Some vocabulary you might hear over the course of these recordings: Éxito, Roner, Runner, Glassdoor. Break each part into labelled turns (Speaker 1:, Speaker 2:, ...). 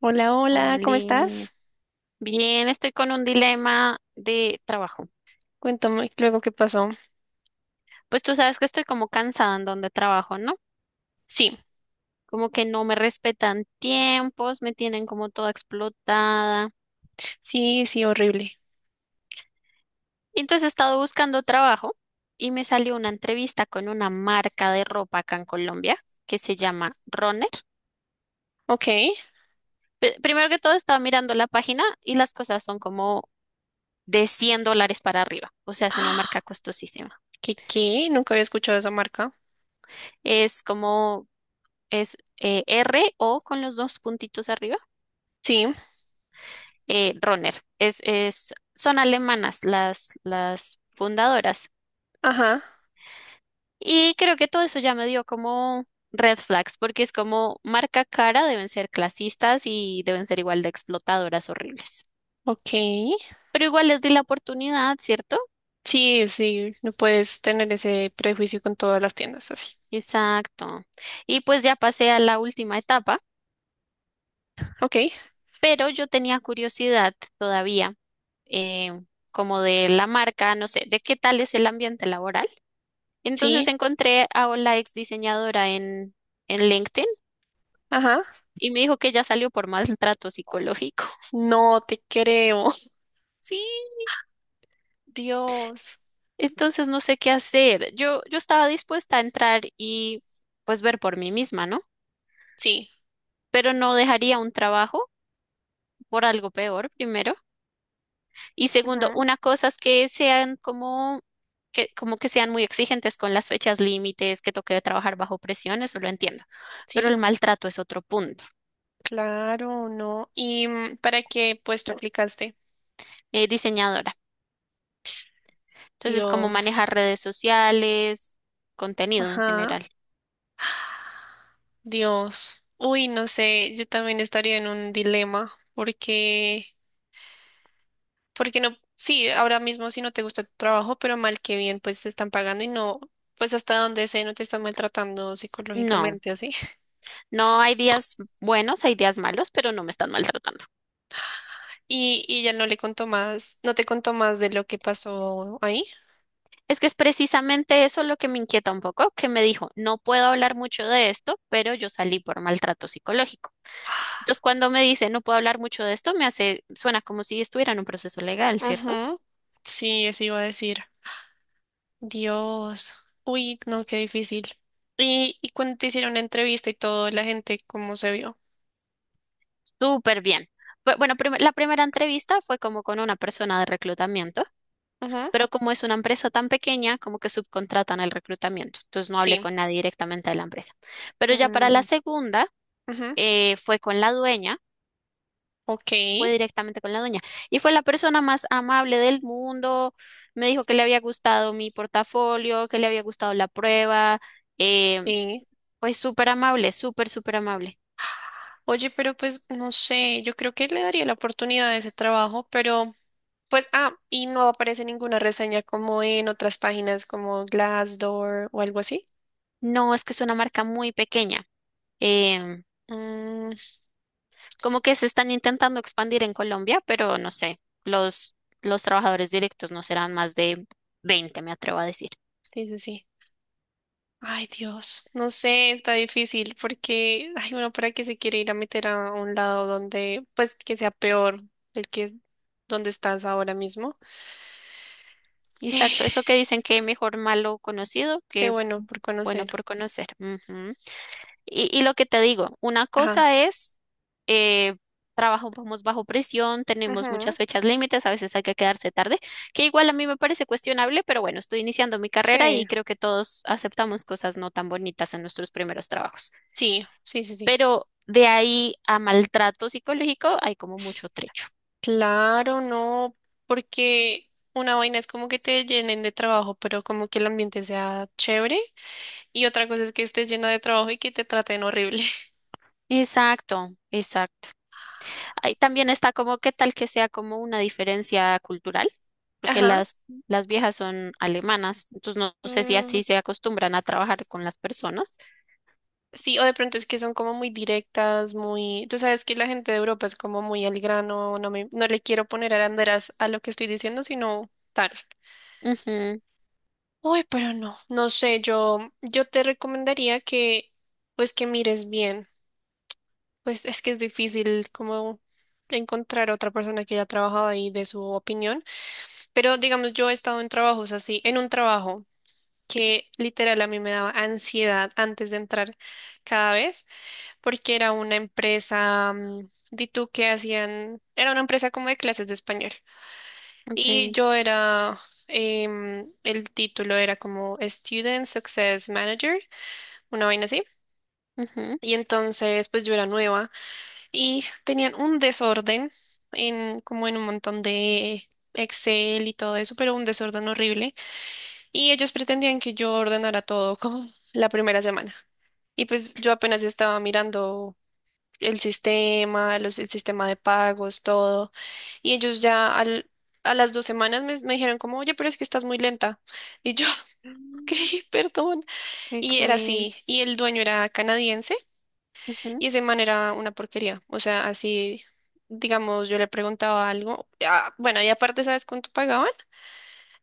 Speaker 1: Hola, hola, ¿cómo
Speaker 2: Oli.
Speaker 1: estás?
Speaker 2: Bien, estoy con un dilema de trabajo.
Speaker 1: Cuéntame luego qué pasó.
Speaker 2: Pues tú sabes que estoy como cansada en donde trabajo, ¿no?
Speaker 1: Sí,
Speaker 2: Como que no me respetan tiempos, me tienen como toda explotada.
Speaker 1: sí, sí, horrible.
Speaker 2: Y entonces he estado buscando trabajo y me salió una entrevista con una marca de ropa acá en Colombia que se llama Runner.
Speaker 1: Ok.
Speaker 2: Primero que todo estaba mirando la página y las cosas son como de $100 para arriba, o sea, es una marca
Speaker 1: Ah,
Speaker 2: costosísima.
Speaker 1: ¿Qué, qué? Nunca había escuchado esa marca.
Speaker 2: Es como es R o con los dos puntitos arriba.
Speaker 1: Sí,
Speaker 2: Roner. Son alemanas las fundadoras.
Speaker 1: ajá,
Speaker 2: Y creo que todo eso ya me dio como red flags, porque es como marca cara, deben ser clasistas y deben ser igual de explotadoras horribles.
Speaker 1: ok.
Speaker 2: Pero igual les di la oportunidad, ¿cierto?
Speaker 1: Sí, sí, no puedes tener ese prejuicio con todas las tiendas así.
Speaker 2: Exacto. Y pues ya pasé a la última etapa,
Speaker 1: Ok,
Speaker 2: pero yo tenía curiosidad todavía, eh, como de la marca, no sé, de qué tal es el ambiente laboral.
Speaker 1: sí,
Speaker 2: Entonces encontré a la ex diseñadora en LinkedIn
Speaker 1: ajá.
Speaker 2: y me dijo que ya salió por maltrato psicológico.
Speaker 1: No te creo.
Speaker 2: Sí,
Speaker 1: Dios.
Speaker 2: entonces no sé qué hacer. Yo estaba dispuesta a entrar y pues ver por mí misma, ¿no?
Speaker 1: Sí,
Speaker 2: Pero no dejaría un trabajo por algo peor, primero. Y segundo,
Speaker 1: ajá,
Speaker 2: una cosa es que sean como que sean muy exigentes con las fechas límites, que toque trabajar bajo presión, eso lo entiendo. Pero
Speaker 1: sí,
Speaker 2: el maltrato es otro punto.
Speaker 1: claro, no. ¿Y mm, para qué puesto aplicaste?
Speaker 2: Diseñadora. Entonces, ¿cómo
Speaker 1: Dios,
Speaker 2: manejar redes sociales, contenido en
Speaker 1: ajá.
Speaker 2: general?
Speaker 1: Dios, uy, no sé, yo también estaría en un dilema porque, porque no, sí, ahora mismo si no te gusta tu trabajo, pero mal que bien, pues te están pagando y no, pues hasta donde sé, no te están maltratando
Speaker 2: No,
Speaker 1: psicológicamente así.
Speaker 2: no hay días buenos, hay días malos, pero no me están maltratando.
Speaker 1: Y ya no le contó más, no te contó más de lo que pasó ahí.
Speaker 2: Es que es precisamente eso lo que me inquieta un poco, que me dijo, no puedo hablar mucho de esto, pero yo salí por maltrato psicológico. Entonces, cuando me dice, no puedo hablar mucho de esto, me hace, suena como si estuviera en un proceso legal, ¿cierto?
Speaker 1: Ujú, sí, eso iba a decir. Dios, uy, no, qué difícil. Y cuando te hicieron la entrevista y todo, la gente, ¿cómo se vio?
Speaker 2: Súper bien. Bueno, la primera entrevista fue como con una persona de reclutamiento.
Speaker 1: Ujú,
Speaker 2: Pero como es una empresa tan pequeña, como que subcontratan el reclutamiento. Entonces no hablé
Speaker 1: sí.
Speaker 2: con nadie directamente de la empresa. Pero ya para la
Speaker 1: Mm,
Speaker 2: segunda,
Speaker 1: ujú.
Speaker 2: fue con la dueña,
Speaker 1: Ok,
Speaker 2: fue directamente con la dueña. Y fue la persona más amable del mundo. Me dijo que le había gustado mi portafolio, que le había gustado la prueba. Eh,
Speaker 1: sí.
Speaker 2: pues súper amable, súper, súper amable.
Speaker 1: Oye, pero pues no sé, yo creo que le daría la oportunidad a ese trabajo, pero pues, ah, y no aparece ninguna reseña como en otras páginas como Glassdoor o algo así.
Speaker 2: No, es que es una marca muy pequeña. em,
Speaker 1: Mm,
Speaker 2: Como que se están intentando expandir en Colombia, pero no sé, los, los trabajadores directos no serán más de 20, me atrevo a decir.
Speaker 1: sí, sí, sí. Ay, Dios, no sé, está difícil porque, ay, bueno, ¿para qué se quiere ir a meter a un lado donde, pues, que sea peor el que donde estás ahora mismo?
Speaker 2: Exacto, eso que dicen que mejor malo conocido
Speaker 1: Qué
Speaker 2: que
Speaker 1: bueno por
Speaker 2: bueno
Speaker 1: conocer.
Speaker 2: por conocer. Ujú. Y lo que te digo, una
Speaker 1: Ajá.
Speaker 2: cosa es, eh, trabajamos bajo presión, tenemos muchas
Speaker 1: Ujú,
Speaker 2: fechas límites, a veces hay que quedarse tarde, que igual a mí me parece cuestionable, pero bueno, estoy iniciando mi carrera
Speaker 1: sí,
Speaker 2: y creo que todos aceptamos cosas no tan bonitas en nuestros primeros trabajos.
Speaker 1: sí, sí, sí, sí.
Speaker 2: Pero de ahí a maltrato psicológico hay como mucho trecho.
Speaker 1: Claro, no, porque una vaina es como que te llenen de trabajo, pero como que el ambiente sea chévere, y otra cosa es que estés llena de trabajo y que te traten horrible.
Speaker 2: Exacto, exacto. Ahí también está como qué tal que sea como una diferencia cultural, porque
Speaker 1: Ajá.
Speaker 2: las viejas son alemanas, entonces no, no sé si
Speaker 1: Mm,
Speaker 2: así se acostumbran a trabajar con las personas.
Speaker 1: sí, o de pronto es que son como muy directas, muy... Tú sabes que la gente de Europa es como muy al grano, no le quiero poner aranderas a lo que estoy diciendo, sino tal.
Speaker 2: Ujú,
Speaker 1: Uy, pero no, no sé, yo te recomendaría que, pues que mires bien. Pues es que es difícil como encontrar a otra persona que haya trabajado ahí de su opinión, pero digamos, yo he estado en trabajos así, en un trabajo que literal a mí me daba ansiedad antes de entrar cada vez, porque era una empresa, mm, di tú que hacían, era una empresa como de clases de español,
Speaker 2: ok,
Speaker 1: y yo era, el título era como Student Success Manager, una vaina así,
Speaker 2: ujú.
Speaker 1: y entonces pues yo era nueva. Y tenían un desorden en como en un montón de Excel y todo eso, pero un desorden horrible. Y ellos pretendían que yo ordenara todo como la primera semana. Y pues yo apenas estaba mirando el sistema, el sistema de pagos, todo. Y ellos ya al, a las 2 semanas me dijeron como, oye, pero es que estás muy lenta. Y yo, ok,
Speaker 2: Mm,
Speaker 1: perdón.
Speaker 2: qué
Speaker 1: Y era
Speaker 2: cruel.
Speaker 1: así. Y el dueño era canadiense.
Speaker 2: Ujú.
Speaker 1: Y ese man era una porquería. O sea, así, digamos, yo le preguntaba algo. Ah, bueno, y aparte, ¿sabes cuánto pagaban?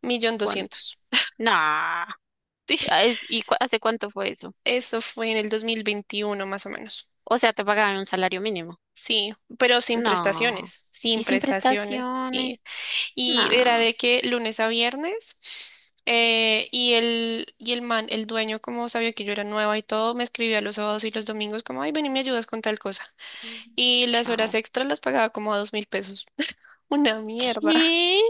Speaker 1: Millón
Speaker 2: ¿Cuánto?
Speaker 1: doscientos.
Speaker 2: Nah. Ah, ¿y hace cuánto fue eso?
Speaker 1: Eso fue en el 2021 más o menos.
Speaker 2: O sea, te pagaban un salario mínimo.
Speaker 1: Sí, pero sin
Speaker 2: No.
Speaker 1: prestaciones, sin
Speaker 2: Y sin
Speaker 1: prestaciones,
Speaker 2: prestaciones.
Speaker 1: sí. Y era
Speaker 2: Nah.
Speaker 1: de que lunes a viernes, y el man, el dueño, como sabía que yo era nueva y todo, me escribía los sábados y los domingos como, ay, ven y me ayudas con tal cosa.
Speaker 2: Mm,
Speaker 1: Y las horas
Speaker 2: chao.
Speaker 1: extras las pagaba como a 2.000 pesos. Una mierda.
Speaker 2: ¿Qué?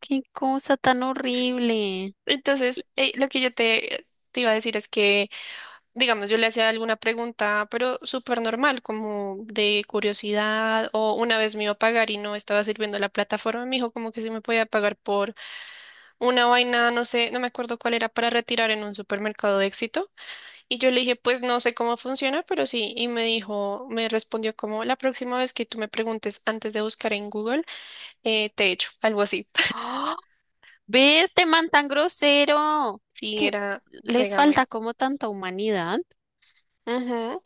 Speaker 2: Qué cosa tan horrible.
Speaker 1: Entonces,
Speaker 2: Y-
Speaker 1: lo que yo te, te iba a decir es que, digamos, yo le hacía alguna pregunta, pero súper normal, como de curiosidad, o una vez me iba a pagar y no estaba sirviendo la plataforma, me dijo como que sí me podía pagar por una vaina, no sé, no me acuerdo cuál era, para retirar en un supermercado de Éxito. Y yo le dije, pues no sé cómo funciona, pero sí, y me dijo, me respondió como, la próxima vez que tú me preguntes antes de buscar en Google, te echo, algo así.
Speaker 2: Ve este man tan grosero. Es
Speaker 1: Sí,
Speaker 2: que
Speaker 1: era
Speaker 2: les
Speaker 1: regamen.
Speaker 2: falta como tanta humanidad.
Speaker 1: Ujú.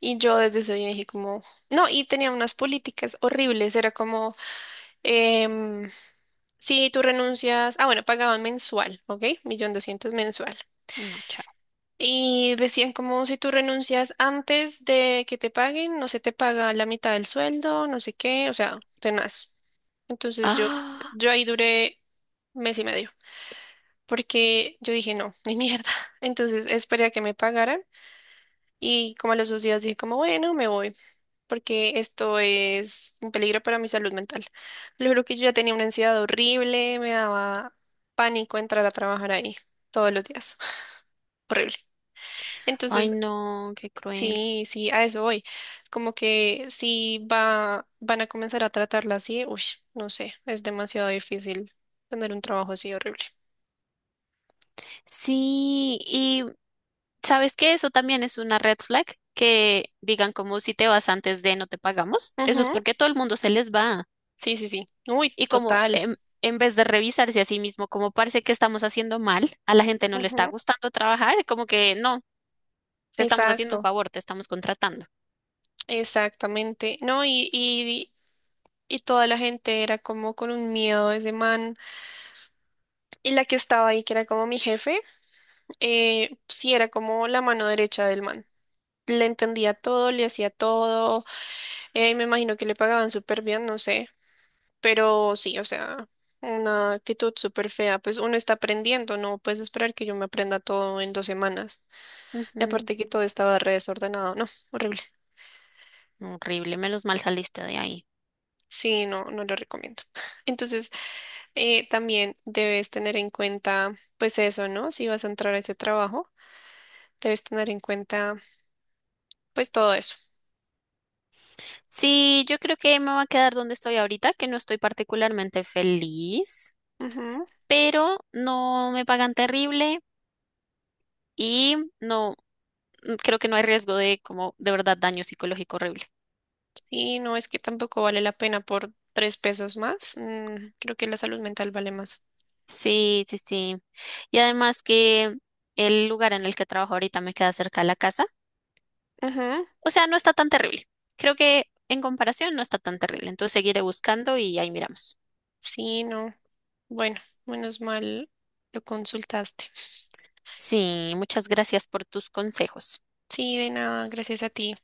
Speaker 1: Y yo desde ese día dije como, no, y tenía unas políticas horribles, era como, em, si tú renuncias, ah, bueno, pagaban mensual, ¿ok? 1.200.000 mensual.
Speaker 2: No, chao.
Speaker 1: Y decían como, si tú renuncias antes de que te paguen, no se te paga la mitad del sueldo, no sé qué, o sea, tenaz. Entonces yo,
Speaker 2: Ah,
Speaker 1: yo ahí duré mes y medio, porque yo dije, no, ni mierda. Entonces esperé a que me pagaran. Y como a los 2 días dije como, bueno, me voy, porque esto es un peligro para mi salud mental. Lo juro que yo ya tenía una ansiedad horrible, me daba pánico entrar a trabajar ahí todos los días. Horrible.
Speaker 2: ay,
Speaker 1: Entonces,
Speaker 2: no, qué cruel.
Speaker 1: sí, sí, a eso voy. Como que si va, van a comenzar a tratarla así, uy, no sé, es demasiado difícil tener un trabajo así horrible.
Speaker 2: Sí, y ¿sabes qué? Eso también es una red flag que digan como si te vas antes de no te pagamos. Eso es
Speaker 1: Ujú,
Speaker 2: porque todo el mundo se les va.
Speaker 1: sí, sí, sí. Uy,
Speaker 2: Y como
Speaker 1: total.
Speaker 2: en vez de revisarse a sí mismo, como parece que estamos haciendo mal, a la gente no le está
Speaker 1: Ujú,
Speaker 2: gustando trabajar, como que no. Te estamos haciendo un
Speaker 1: exacto,
Speaker 2: favor, te estamos contratando.
Speaker 1: exactamente. No, y toda la gente era como con un miedo de ese man. Y la que estaba ahí, que era como mi jefe, sí era como la mano derecha del man. Le entendía todo, le hacía todo, me imagino que le pagaban súper bien, no sé, pero sí, o sea, una actitud súper fea, pues uno está aprendiendo, no puedes esperar que yo me aprenda todo en 2 semanas. Y
Speaker 2: Ujú,
Speaker 1: aparte que todo estaba re desordenado, no, horrible.
Speaker 2: horrible, menos mal saliste de ahí.
Speaker 1: Sí, no, no lo recomiendo. Entonces, también debes tener en cuenta, pues eso, ¿no? Si vas a entrar a ese trabajo, debes tener en cuenta, pues todo eso.
Speaker 2: Sí, yo creo que me voy a quedar donde estoy ahorita, que no estoy particularmente feliz,
Speaker 1: Ujú.
Speaker 2: pero no me pagan terrible y no, creo que no hay riesgo de como de verdad daño psicológico horrible.
Speaker 1: Y no es que tampoco vale la pena por tres pesos más. Mm, creo que la salud mental vale más.
Speaker 2: Sí, sí, sí. Y además que el lugar en el que trabajo ahorita me queda cerca de la casa.
Speaker 1: Ujú.
Speaker 2: O sea, no está tan terrible. Creo que en comparación no está tan terrible. Entonces seguiré buscando y ahí miramos.
Speaker 1: Sí, no. Bueno, menos mal lo consultaste.
Speaker 2: Sí, muchas gracias por tus consejos.
Speaker 1: Sí, de nada, gracias a ti.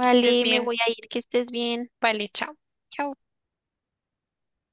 Speaker 1: Que estés
Speaker 2: me
Speaker 1: bien.
Speaker 2: voy a ir, que estés bien.
Speaker 1: Vale, chao.
Speaker 2: Chao.